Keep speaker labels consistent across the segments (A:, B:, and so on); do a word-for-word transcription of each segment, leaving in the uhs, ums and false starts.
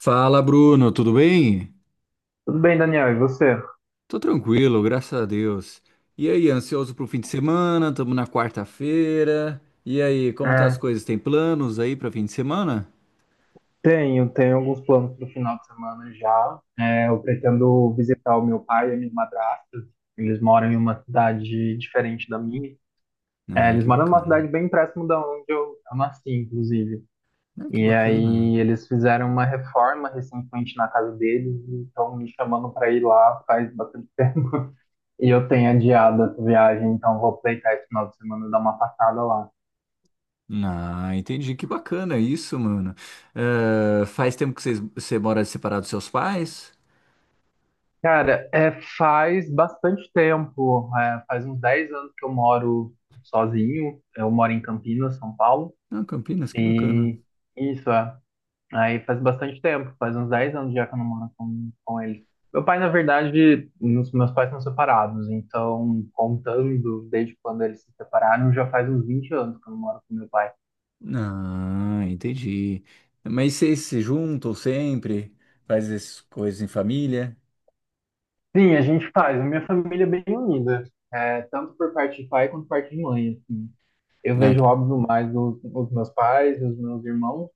A: Fala, Bruno, tudo bem?
B: Tudo bem, Daniel, e você?
A: Tô tranquilo, graças a Deus. E aí, ansioso pro fim de semana? Tamo na quarta-feira. E aí, como tá as
B: É,
A: coisas? Tem planos aí pra fim de semana?
B: Tenho, tenho alguns planos para o final de semana já. É, eu pretendo visitar o meu pai e a minha madrasta. Eles moram em uma cidade diferente da minha. É,
A: Ah,
B: eles
A: que
B: moram numa
A: bacana.
B: cidade bem próximo da onde eu, eu nasci, inclusive.
A: Ah, que
B: E
A: bacana.
B: aí eles fizeram uma reforma recentemente na casa deles e estão me chamando para ir lá faz bastante tempo. E eu tenho adiado essa viagem, então vou aproveitar esse final de semana e dar uma passada lá.
A: Ah, entendi. Que bacana isso, mano. Eh, faz tempo que vocês- você mora separado dos seus pais?
B: Cara, é, faz bastante tempo, é, faz uns dez anos que eu moro sozinho. Eu moro em Campinas, São Paulo,
A: Ah, Campinas, que bacana.
B: e isso, é, aí faz bastante tempo, faz uns dez anos já que eu não moro com, com eles. Meu pai, na verdade, nos- meus pais são separados, então, contando desde quando eles se separaram, já faz uns vinte anos que eu não moro com meu pai.
A: Ah, entendi. Mas vocês se juntam sempre? Faz essas coisas em família?
B: Sim, a gente faz, a minha família é bem unida, é, tanto por parte de pai quanto por parte de mãe, assim. Eu
A: Ah,
B: vejo,
A: que...
B: óbvio, mais os, os meus pais, os meus irmãos,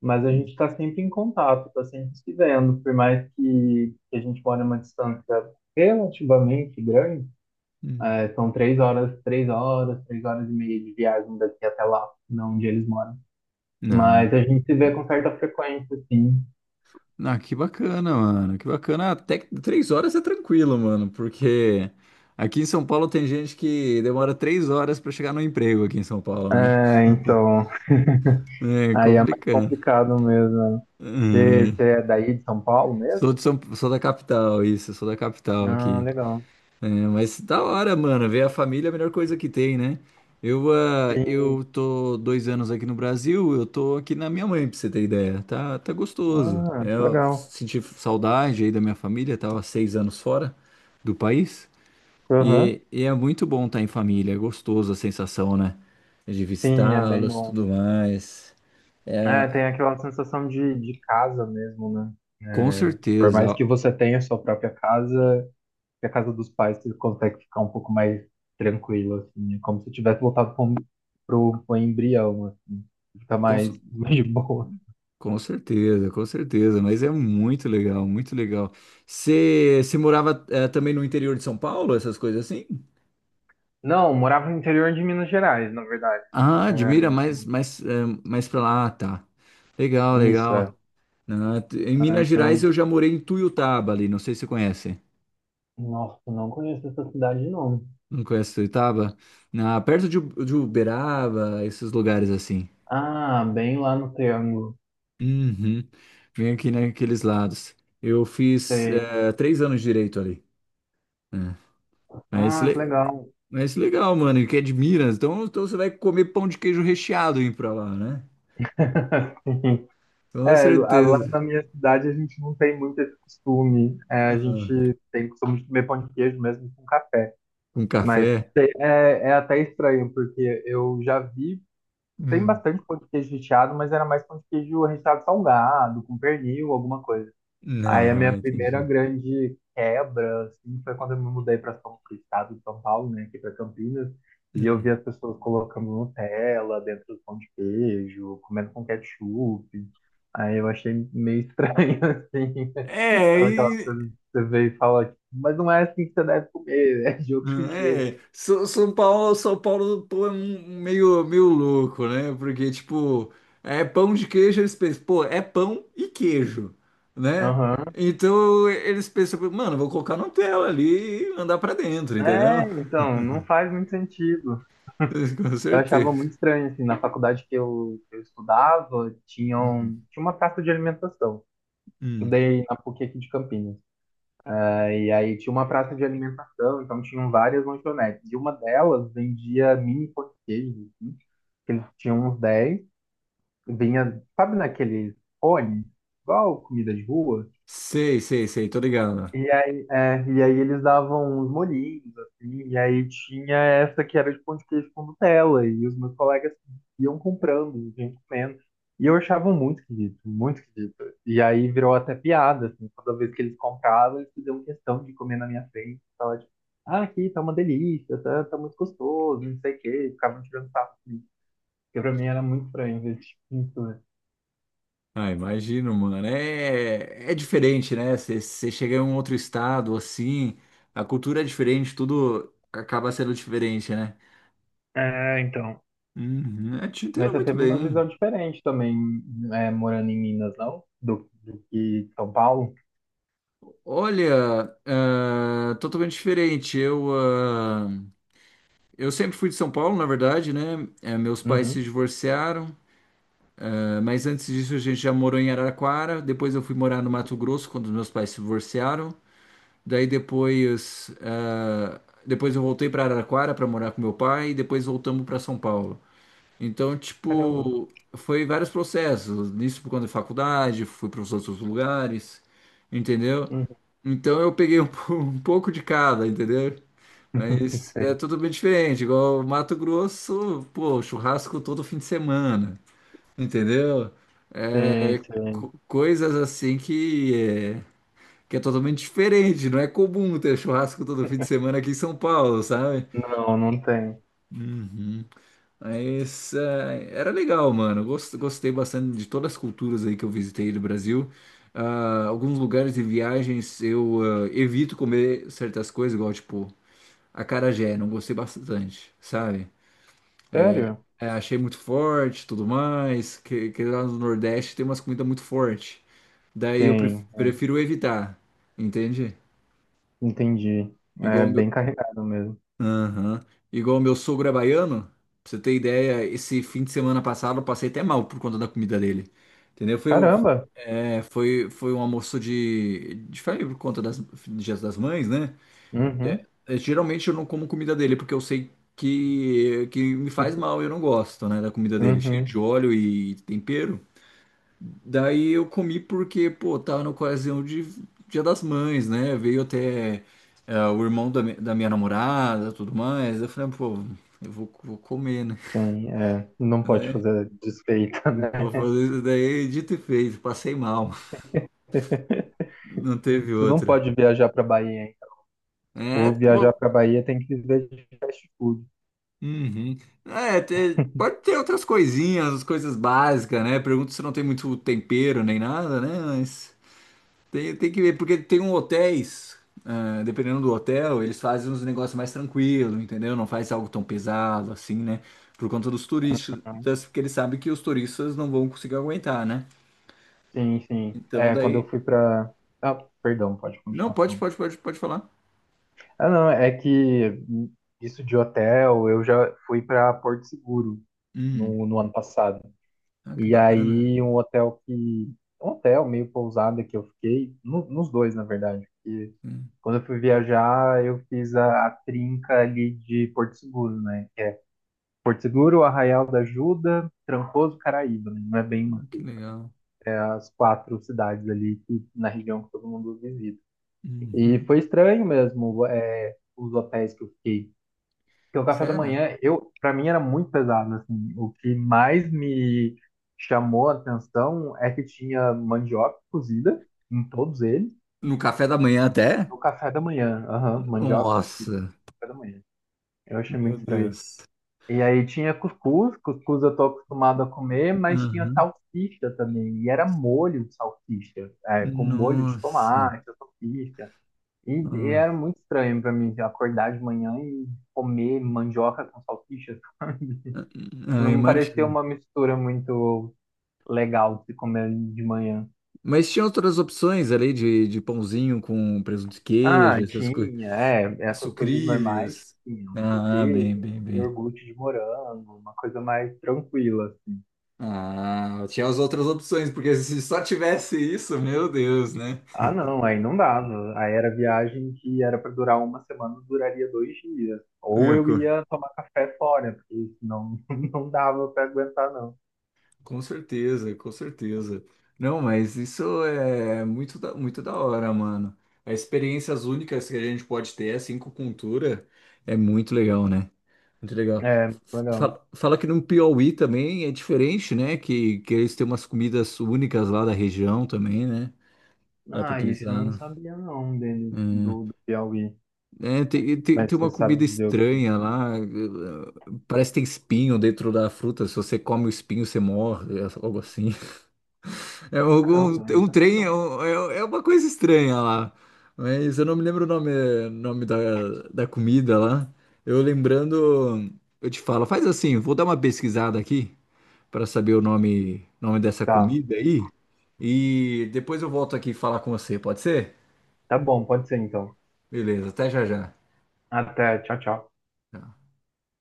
B: mas a gente
A: Hum,
B: está sempre em contato, está sempre se vendo, por mais que, que a gente mora uma distância relativamente grande.
A: hum.
B: É, são três horas, três horas, três horas e meia de viagem daqui até lá, não onde eles moram.
A: Ah,
B: Mas a gente se vê com certa frequência, assim.
A: ah, que bacana, mano. Que bacana. Até que três horas é tranquilo, mano, porque aqui em São Paulo tem gente que demora três horas pra chegar no emprego aqui em São Paulo, né?
B: É, então,
A: É
B: aí é mais
A: complicado.
B: complicado mesmo. Você,
A: É.
B: você é daí de São Paulo
A: Sou de
B: mesmo?
A: São, sou da capital, isso. Sou da capital
B: Ah,
A: aqui.
B: legal.
A: É, mas da hora, mano. Ver a família é a melhor coisa que tem, né? Eu, ah, eu
B: Sim.
A: tô dois anos aqui no Brasil, eu tô aqui na minha mãe, pra você ter ideia. Tá, tá gostoso.
B: Ah,
A: É,
B: que
A: eu
B: legal.
A: senti saudade aí da minha família, tava seis anos fora do país. E,
B: Aham.
A: e é muito bom estar em família, é gostoso a sensação, né? De
B: Sim, é bem
A: visitá-los,
B: bom.
A: tudo mais.
B: É,
A: É,
B: tem aquela sensação de, de casa mesmo, né?
A: com
B: Por mais
A: certeza.
B: que você tenha sua própria casa, que a casa dos pais você consegue ficar um pouco mais tranquilo, assim. É como se tivesse voltado para um, pro, pro embrião, assim. Fica
A: Com,
B: mais, mais de boa.
A: Com certeza, com certeza, mas é muito legal, muito legal. Você você morava eh, também no interior de São Paulo, essas coisas assim?
B: Não, eu morava no interior de Minas Gerais, na verdade.
A: Ah,
B: É,
A: admira, mais, mais eh, mais pra lá, ah, tá. Legal,
B: isso,
A: legal.
B: é.
A: Ah, t- em
B: Ah,
A: Minas Gerais
B: eu...
A: eu já morei em Tuiutaba ali, não sei se você conhece.
B: Nossa, não conheço essa cidade, não.
A: Não conhece Tuiutaba? Ah, perto de, U- de Uberaba, esses lugares assim.
B: Ah, bem lá no Triângulo.
A: Uhum. Vem aqui naqueles lados. Eu fiz
B: Sei.
A: eh, três anos de direito ali. Né? Mas
B: Ah, que
A: le-
B: legal.
A: Mas legal, mano, que é de Minas. Então, então você vai comer pão de queijo recheado aí pra lá, né? Com
B: É, lá lá
A: certeza.
B: na minha cidade a gente não tem muito esse costume. É, a
A: Ah,
B: gente tem costume de comer pão de queijo mesmo com café.
A: com café.
B: Mas te- é, é até estranho, porque eu já vi, tem
A: Hum.
B: bastante pão de queijo recheado, mas era mais pão de queijo recheado salgado, com pernil, alguma coisa. Aí a
A: Não,
B: minha primeira
A: entendi.
B: grande quebra, assim, foi quando eu me mudei para São pro estado de São Paulo, né, aqui para Campinas, e eu vi
A: Hum.
B: as pessoas colocando Nutella dentro do pão de queijo, comendo com ketchup. Aí eu achei meio estranho, assim,
A: É,
B: sabe aquela
A: e,
B: coisa que você vê e fala, tipo, mas não é assim que você deve comer, é de outro jeito.
A: é, São São Paulo, São Paulo, pô, é um, um meio, meio louco, né? Porque, tipo, é pão de queijo, eles pensam, pô, é pão e queijo, né?
B: Aham.
A: Então eles pensam, mano, vou colocar no tela ali e mandar pra dentro, entendeu?
B: É, então, não faz muito sentido.
A: Com
B: Eu
A: certeza.
B: achava muito estranho, assim, na faculdade que eu, que eu estudava, tinham, tinha uma praça de alimentação. Estudei na PUC aqui de Campinas. É, e aí tinha uma praça de alimentação, então tinham várias lanchonetes. E uma delas vendia mini pão de queijo, assim, que eles tinham uns dez. Vinha, sabe naqueles cones? Igual comida de rua.
A: Sei, sei, sei, tô ligado.
B: E aí, é, e aí eles davam uns molhinhos, assim, e aí tinha essa que era de pão de queijo com Nutella, e os meus colegas iam comprando, e iam comendo. E eu achava muito esquisito, muito esquisito. E aí virou até piada, assim, toda vez que eles compravam, eles faziam questão de comer na minha frente. Tava tipo, ah, aqui tá uma delícia, tá, tá muito gostoso, não sei o quê, e ficavam tirando sarro, assim, que pra mim era muito estranho esse tipo de pintura.
A: Ah, imagino, mano. É, é diferente, né? Você chega em um outro estado, assim, a cultura é diferente, tudo acaba sendo diferente, né?
B: É, então.
A: Uhum, é, te entendo
B: Mas você
A: muito
B: teve uma
A: bem.
B: visão diferente também, é, morando em Minas, não? Do, do que São Paulo?
A: Olha, ah, totalmente diferente. Eu, ah, eu sempre fui de São Paulo, na verdade, né? Eh, meus pais se
B: Uhum.
A: divorciaram, ah, mas antes disso a gente já morou em Araraquara. Depois eu fui morar no Mato Grosso quando meus pais se divorciaram. Daí depois, ah, depois eu voltei para Araraquara para morar com meu pai e depois voltamos para São Paulo. Então,
B: Caramba.
A: tipo, foi vários processos. Nisso, por conta da faculdade, fui para os outros lugares, entendeu?
B: Uhum.
A: Então eu peguei um, po- um pouco de cada, entendeu? Mas é
B: Sei,
A: tudo bem diferente. Igual Mato Grosso, pô, churrasco todo fim de semana, entendeu?
B: sei,
A: É.
B: sei.
A: Co- coisas assim que é que é totalmente diferente, não é comum ter churrasco todo fim de semana aqui em São Paulo, sabe?
B: Não, não tem.
A: Uhum. Mas eh, era legal, mano. Gos- Gostei bastante de todas as culturas aí que eu visitei do Brasil. Ah, alguns lugares e viagens eu ah, evito comer certas coisas, igual tipo acarajé, não gostei bastante, sabe?
B: Sério?
A: É, achei muito forte, tudo mais, que, que lá no Nordeste tem umas comidas muito fortes. Daí eu pref-
B: Tem, é.
A: prefiro evitar, entende?
B: Entendi. É
A: Igual.
B: bem carregado mesmo.
A: Aham. Igual meu sogro é baiano, pra você ter ideia, esse fim de semana passado eu passei até mal por conta da comida dele. Entendeu? Foi, o-
B: Caramba.
A: é, foi, Foi um almoço de, de família por conta das Dias das Mães, né?
B: Uhum.
A: É, geralmente eu não como comida dele, porque eu sei que, que me faz mal, eu não gosto, né, da comida dele, cheio
B: Uhum.
A: de óleo e tempero. Daí eu comi porque, pô, tá na ocasião de Dia das Mães, né? Veio até eh, o irmão da, mi- da minha namorada, tudo mais. Eu falei, pô, eu vou, vou comer, né?
B: Tem. É. Não pode fazer desfeita, né?
A: Vou fazer isso daí, é dito e feito, passei mal. Não teve
B: Você não
A: outra.
B: pode viajar para Bahia, hein?
A: É,
B: Ou viajar
A: pô,
B: para Bahia tem que viver de fast food.
A: uhum. É, te- pode ter outras coisinhas, as coisas básicas, né? Pergunto se não tem muito tempero nem nada, né? Mas tem, tem que ver, porque tem um hotéis, ah, dependendo do hotel, eles fazem uns negócios mais tranquilo, entendeu? Não faz algo tão pesado assim, né? Por conta dos turistas, porque eles sabem que os turistas não vão conseguir aguentar, né?
B: Sim, sim.
A: Então
B: É, quando
A: daí.
B: eu fui pra. Ah, perdão, pode
A: Não,
B: continuar
A: pode,
B: falando.
A: pode, pode, pode falar.
B: Ah, não, é que isso de hotel, eu já fui pra Porto Seguro
A: Hum.
B: no, no ano passado.
A: Ah, que
B: E
A: bacana.
B: aí, um hotel que. Um hotel meio pousada que eu fiquei, no- nos dois, na verdade. Porque
A: Hum.
B: quando eu fui viajar, eu fiz a, a trinca ali de Porto Seguro, né? Porto Seguro, Arraial da Ajuda, Trancoso, Caraíba, né? Não é bem uma
A: Hum, que
B: trinca.
A: legal.
B: As quatro cidades ali que, na região que todo mundo visita. E
A: Uhum.
B: foi estranho mesmo, é, os hotéis que eu fiquei. Porque o café da
A: Sério?
B: manhã, eu, para mim era muito pesado, assim. O que mais me chamou a atenção é que tinha mandioca cozida em todos eles
A: No café da manhã até?
B: no café da manhã. Aham, mandioca cozida no
A: Nossa,
B: café da manhã. Eu achei
A: meu
B: muito estranho.
A: Deus.
B: E aí tinha cuscuz, cuscuz eu tô acostumado a comer, mas tinha
A: Aham.
B: salsicha também. E era molho de salsicha, é, com molho de
A: Nossa.
B: tomate, salsicha. E e
A: Ah,
B: era muito estranho pra mim acordar de manhã e comer mandioca com salsicha.
A: ah,
B: Não parecia
A: imagina.
B: uma mistura muito legal de se comer de manhã.
A: Mas tinha outras opções ali de, de pãozinho com presunto de
B: Ah,
A: queijo, essas coisas.
B: tinha, é, essas coisas normais,
A: Sucrilhos.
B: tinha um
A: Ah,
B: sucrilho,
A: bem, bem,
B: um
A: bem.
B: iogurte de morango, uma coisa mais tranquila.
A: Ah, tinha as outras opções, porque se só tivesse isso, meu Deus, né?
B: Ah, não, aí não dava. Aí era viagem que era pra durar uma semana, duraria dois dias. Ou
A: É,
B: eu
A: co-
B: ia tomar café fora, porque senão não dava pra aguentar, não.
A: Com certeza, com certeza. Não, mas isso é muito da, muito da hora, mano. As experiências únicas que a gente pode ter, assim, com cultura, é muito legal, né? Muito legal.
B: É, muito
A: F-
B: legal.
A: Fala, fala que no Piauí também é diferente, né? Que, que eles têm umas comidas únicas lá da região também, né? Lá pra
B: Ah,
A: aqueles
B: isso eu não
A: lados.
B: sabia não dele,
A: Hum.
B: do, do Piauí.
A: É, É, tem, tem,
B: Mas
A: tem
B: você
A: uma
B: sabe
A: comida
B: dizer o que?
A: estranha lá. eh, Parece que tem espinho dentro da fruta. Se você come o espinho, você morre. É algo assim. É um, um,
B: Caramba,
A: um
B: isso eu
A: trem, é,
B: não.
A: um- é é uma coisa estranha lá. Mas eu não me lembro o nome, nome da, da comida lá. Eu lembrando, eu te falo, faz assim, vou dar uma pesquisada aqui para saber o nome, nome dessa
B: Tá,
A: comida aí. E depois eu volto aqui falar com você, pode ser?
B: tá bom, pode ser então.
A: Beleza, até já já.
B: Até, tchau, tchau.
A: Tá.